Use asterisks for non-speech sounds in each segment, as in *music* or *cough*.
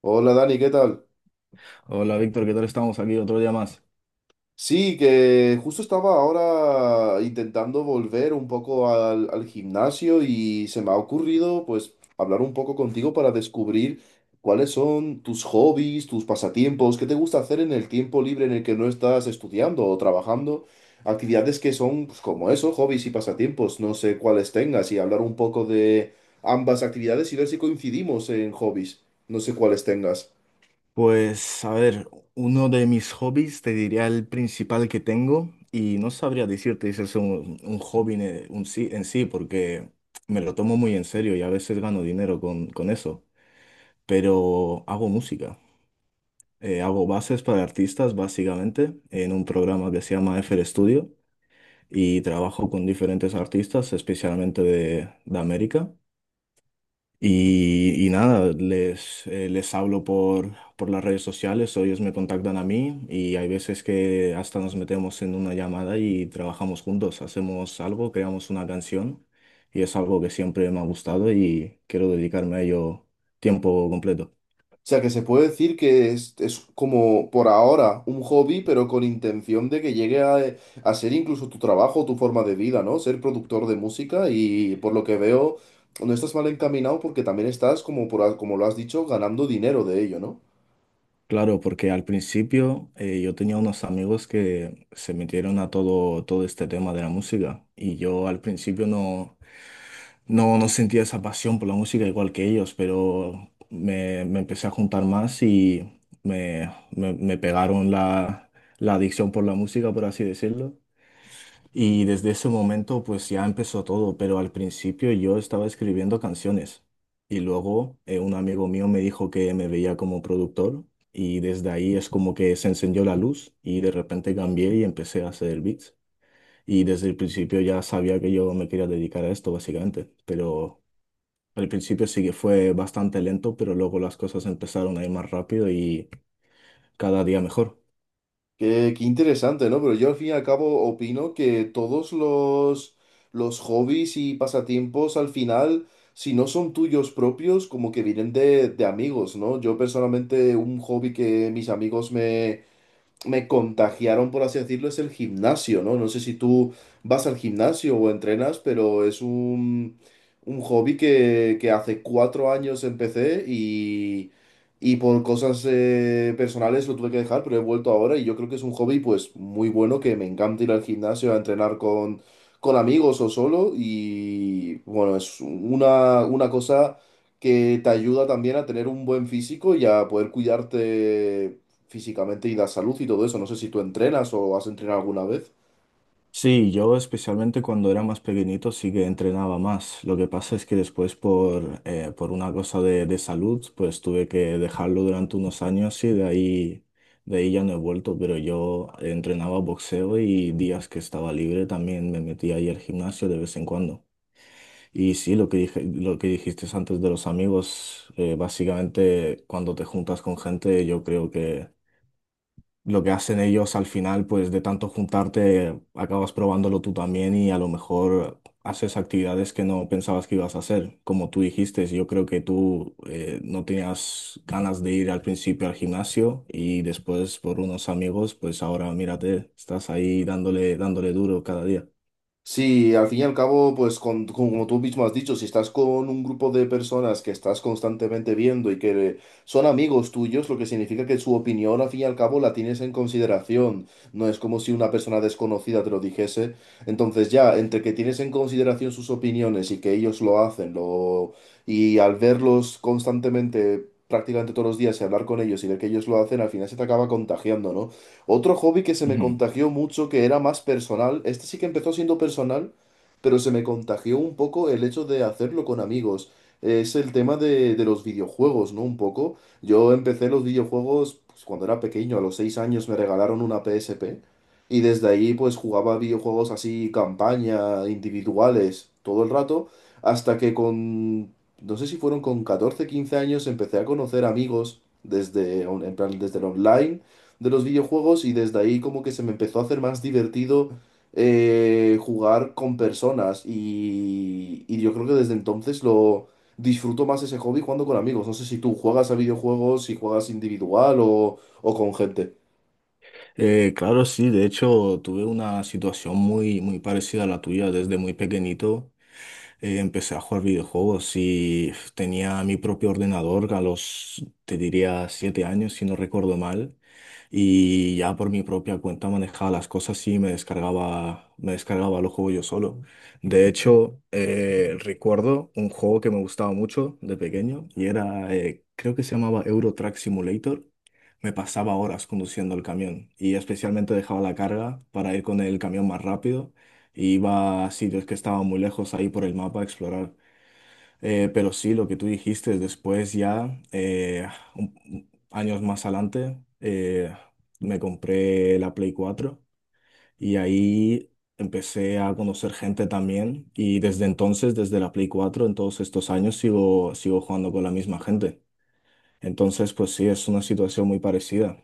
Hola Dani, ¿qué tal? Hola Víctor, ¿qué tal estamos aquí otro día más? Sí, que justo estaba ahora intentando volver un poco al gimnasio y se me ha ocurrido pues hablar un poco contigo para descubrir cuáles son tus hobbies, tus pasatiempos, qué te gusta hacer en el tiempo libre en el que no estás estudiando o trabajando, actividades que son pues, como eso, hobbies y pasatiempos, no sé cuáles tengas y hablar un poco de ambas actividades y ver si coincidimos en hobbies, no sé cuáles tengas. Pues a ver, uno de mis hobbies, te diría el principal que tengo y no sabría decirte si es un hobby en sí, porque me lo tomo muy en serio y a veces gano dinero con eso, pero hago música. Hago bases para artistas básicamente en un programa que se llama FL Studio, y trabajo con diferentes artistas, especialmente de América. Y nada, les hablo por las redes sociales, o ellos me contactan a mí, y hay veces que hasta nos metemos en una llamada y trabajamos juntos, hacemos algo, creamos una canción, y es algo que siempre me ha gustado y quiero dedicarme a ello tiempo completo. O sea, que se puede decir que es como por ahora un hobby, pero con intención de que llegue a ser incluso tu trabajo, tu forma de vida, ¿no? Ser productor de música y por lo que veo, no estás mal encaminado porque también estás, como, como lo has dicho, ganando dinero de ello, ¿no? Claro, porque al principio yo tenía unos amigos que se metieron a todo este tema de la música, y yo al principio no sentía esa pasión por la música igual que ellos, pero me empecé a juntar más y me pegaron la adicción por la música, por así decirlo. Y desde ese momento pues ya empezó todo, pero al principio yo estaba escribiendo canciones, y luego un amigo mío me dijo que me veía como productor, y desde ahí es como que se encendió la luz y de repente cambié y empecé a hacer beats. Y desde el principio ya sabía que yo me quería dedicar a esto, básicamente, pero al principio sí que fue bastante lento, pero luego las cosas empezaron a ir más rápido y cada día mejor. Qué interesante, ¿no? Pero yo al fin y al cabo opino que todos los hobbies y pasatiempos al final si no son tuyos propios, como que vienen de amigos, ¿no? Yo personalmente un hobby que mis amigos me contagiaron, por así decirlo, es el gimnasio, ¿no? No sé si tú vas al gimnasio o entrenas, pero es un hobby que hace 4 años empecé y por cosas personales lo tuve que dejar, pero he vuelto ahora y yo creo que es un hobby pues muy bueno, que me encanta ir al gimnasio a entrenar con amigos o solo y bueno, es una cosa que te ayuda también a tener un buen físico y a poder cuidarte físicamente y la salud y todo eso. No sé si tú entrenas o has entrenado alguna vez. Sí, yo especialmente cuando era más pequeñito sí que entrenaba más. Lo que pasa es que después por una cosa de salud, pues tuve que dejarlo durante unos años, y de ahí ya no he vuelto, pero yo entrenaba boxeo, y días que estaba libre también me metía ahí al gimnasio de vez en cuando. Y sí, lo que dijiste antes de los amigos, básicamente cuando te juntas con gente, yo creo que lo que hacen ellos al final, pues de tanto juntarte, acabas probándolo tú también, y a lo mejor haces actividades que no pensabas que ibas a hacer. Como tú dijiste, yo creo que tú no tenías ganas de ir al principio al gimnasio, y después por unos amigos, pues ahora mírate, estás ahí dándole, dándole duro cada día. Sí, al fin y al cabo, pues como tú mismo has dicho, si estás con un grupo de personas que estás constantemente viendo y que son amigos tuyos, lo que significa que su opinión al fin y al cabo la tienes en consideración. No es como si una persona desconocida te lo dijese. Entonces ya, entre que tienes en consideración sus opiniones y que ellos lo hacen, y al verlos constantemente, prácticamente todos los días y hablar con ellos y ver que ellos lo hacen, al final se te acaba contagiando, ¿no? Otro hobby que se me contagió mucho, que era más personal, este sí que empezó siendo personal, pero se me contagió un poco el hecho de hacerlo con amigos. Es el tema de los videojuegos, ¿no? Un poco. Yo empecé los videojuegos pues, cuando era pequeño, a los 6 años me regalaron una PSP y desde ahí pues jugaba videojuegos así, campaña, individuales, todo el rato, hasta que no sé si fueron con 14 15 años, empecé a conocer amigos desde, en plan, desde el online de los videojuegos y desde ahí como que se me empezó a hacer más divertido jugar con personas y yo creo que desde entonces lo disfruto más ese hobby jugando con amigos. No sé si tú juegas a videojuegos, si juegas individual o con gente. Claro, sí, de hecho tuve una situación muy, muy parecida a la tuya desde muy pequeñito. Empecé a jugar videojuegos y tenía mi propio ordenador a los, te diría, 7 años, si no recuerdo mal, y ya por mi propia cuenta manejaba las cosas y me descargaba los juegos yo solo. De hecho, recuerdo un juego que me gustaba mucho de pequeño, y era, creo que se llamaba Euro Truck Simulator. Me pasaba horas conduciendo el camión, y especialmente dejaba la carga para ir con el camión más rápido. E iba a sitios que estaban muy lejos ahí por el mapa a explorar. Pero sí, lo que tú dijiste, después ya, un- años más adelante, me compré la Play 4, y ahí empecé a conocer gente también, y desde entonces, desde la Play 4 en todos estos años sigo jugando con la misma gente. Entonces, pues sí, es una situación muy parecida.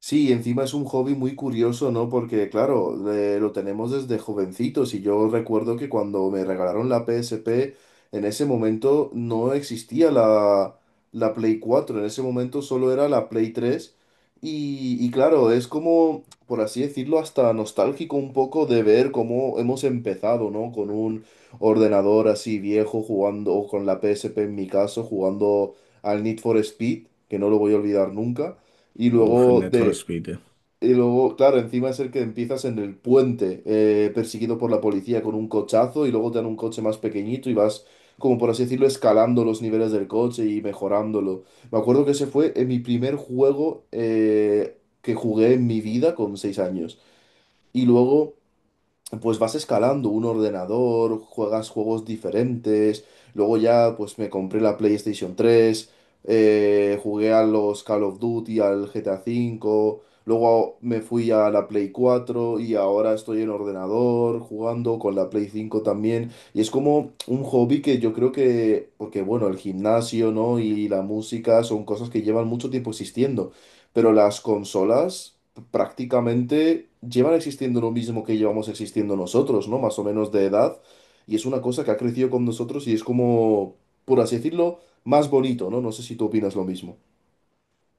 Sí, encima es un hobby muy curioso, ¿no? Porque, claro, lo tenemos desde jovencitos y yo recuerdo que cuando me regalaron la PSP, en ese momento no existía la Play 4. En ese momento solo era la Play 3 y claro, es como, por así decirlo, hasta nostálgico un poco de ver cómo hemos empezado, ¿no? Con un ordenador así viejo jugando, o con la PSP en mi caso, jugando al Need for Speed, que no lo voy a olvidar nunca. Y Uf, el luego Need for de, Speed. y luego, claro, encima es el que empiezas en el puente, perseguido por la policía con un cochazo y luego te dan un coche más pequeñito y vas, como por así decirlo, escalando los niveles del coche y mejorándolo. Me acuerdo que ese fue mi primer juego que jugué en mi vida con 6 años. Y luego pues vas escalando un ordenador, juegas juegos diferentes. Luego ya, pues me compré la PlayStation 3 jugué a los Call of Duty, al GTA 5. Luego me fui a la Play 4 y ahora estoy en ordenador jugando con la Play 5 también. Y es como un hobby que yo creo que, porque bueno, el gimnasio, ¿no? Y la música son cosas que llevan mucho tiempo existiendo. Pero las consolas prácticamente llevan existiendo lo mismo que llevamos existiendo nosotros, ¿no? Más o menos de edad. Y es una cosa que ha crecido con nosotros y es como, por así decirlo, más bonito, ¿no? No sé si tú opinas lo mismo.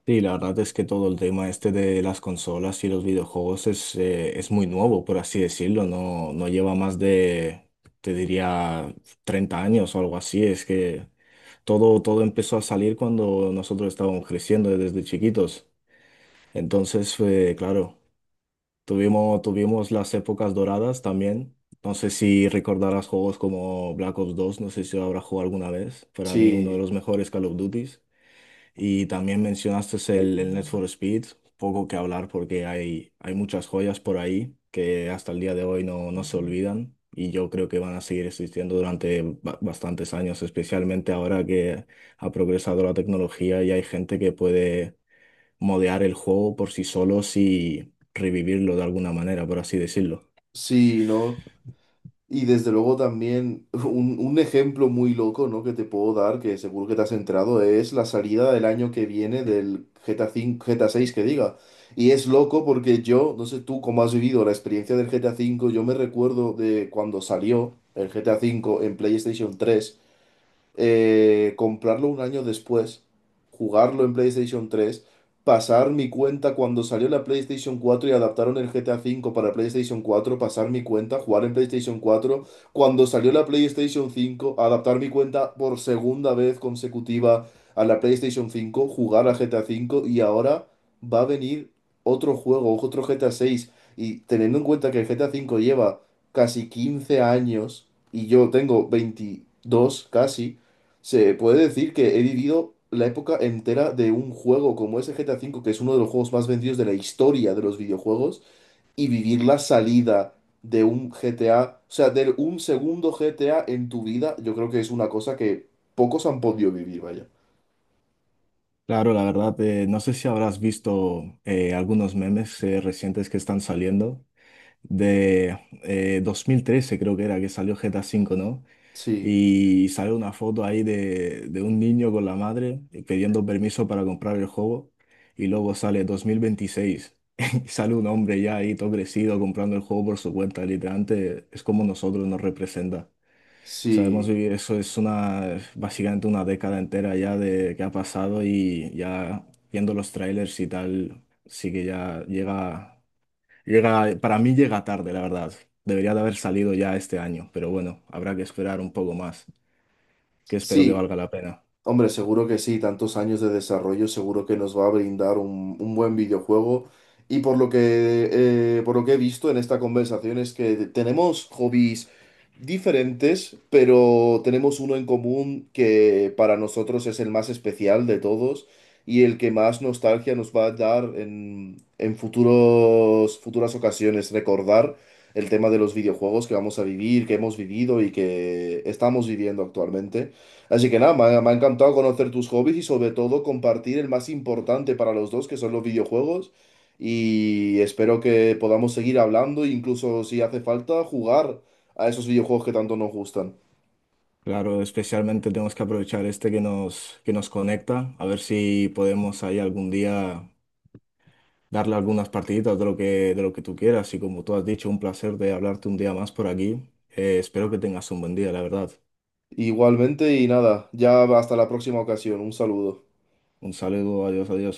Sí, la verdad es que todo el tema este de las consolas y los videojuegos es muy nuevo, por así decirlo. No, no lleva más de, te diría, 30 años o algo así. Es que todo empezó a salir cuando nosotros estábamos creciendo desde chiquitos. Entonces, claro, tuvimos las épocas doradas también. No sé si recordarás juegos como Black Ops 2. No sé si habrá jugado alguna vez. Para mí, uno de Sí, los mejores Call of Duty. Y también mencionaste el Need for Speed. Poco que hablar, porque hay muchas joyas por ahí que hasta el día de hoy no, no se olvidan, y yo creo que van a seguir existiendo durante bastantes años, especialmente ahora que ha progresado la tecnología y hay gente que puede modear el juego por sí solos y revivirlo de alguna manera, por así decirlo. sí, ¿no? Y desde luego también *laughs* un ejemplo muy loco, ¿no? que te puedo dar, que seguro que te has entrado, es la salida del año que viene del G T GTA 5, GTA 6 que diga. Y es loco porque yo, no sé tú cómo has vivido la experiencia del G GTA 5. Yo me recuerdo de cuando salió el G GTA 5 en PlayStation 3, comprarlo un año después, jugarlo en PlayStation 3, pasar mi cuenta cuando salió la PlayStation 4 y adaptaron el GTA 5 para PlayStation 4, pasar mi cuenta, jugar en PlayStation 4 cuando salió la PlayStation 5, adaptar mi cuenta por segunda vez consecutiva a la PlayStation 5, jugar a GTA 5 y ahora va a venir otro juego, otro GTA 6. Y teniendo en cuenta que el GTA 5 lleva casi 15 años y yo tengo 22 casi, se puede decir que he vivido la época entera de un juego como ese GTA 5, que es uno de los juegos más vendidos de la historia de los videojuegos, y vivir la salida de un GTA, o sea, de un segundo GTA en tu vida, yo creo que es una cosa que pocos han podido vivir, vaya. Claro, la verdad, no sé si habrás visto algunos memes recientes que están saliendo de 2013, creo que era que salió GTA V, ¿no? Sí, Y sale una foto ahí de un niño con la madre, pidiendo permiso para comprar el juego, y luego sale 2026 *laughs* y sale un hombre ya ahí todo crecido comprando el juego por su cuenta. Literalmente, es como nosotros, nos representa. Sabemos sí, vivir. Eso es una, básicamente, una década entera ya de que ha pasado, y ya viendo los trailers y tal, sí que ya llega. Llega, para mí llega tarde, la verdad. Debería de haber salido ya este año, pero bueno, habrá que esperar un poco más, que espero que sí. valga la pena. Hombre, seguro que sí, tantos años de desarrollo seguro que nos va a brindar un buen videojuego. Y por lo que he visto en esta conversación es que tenemos hobbies diferentes, pero tenemos uno en común que para nosotros es el más especial de todos y el que más nostalgia nos va a dar en futuros, futuras ocasiones. Recordar el tema de los videojuegos que vamos a vivir, que hemos vivido y que estamos viviendo actualmente. Así que nada, me ha encantado conocer tus hobbies y sobre todo compartir el más importante para los dos, que son los videojuegos. Y espero que podamos seguir hablando e incluso si hace falta jugar a esos videojuegos que tanto nos gustan. Claro, especialmente tenemos que aprovechar este que nos conecta, a ver si podemos ahí algún día darle algunas partiditas de lo que tú quieras. Y como tú has dicho, un placer de hablarte un día más por aquí. Espero que tengas un buen día, la verdad. Igualmente y nada, ya hasta la próxima ocasión. Un saludo. Un saludo, adiós, adiós.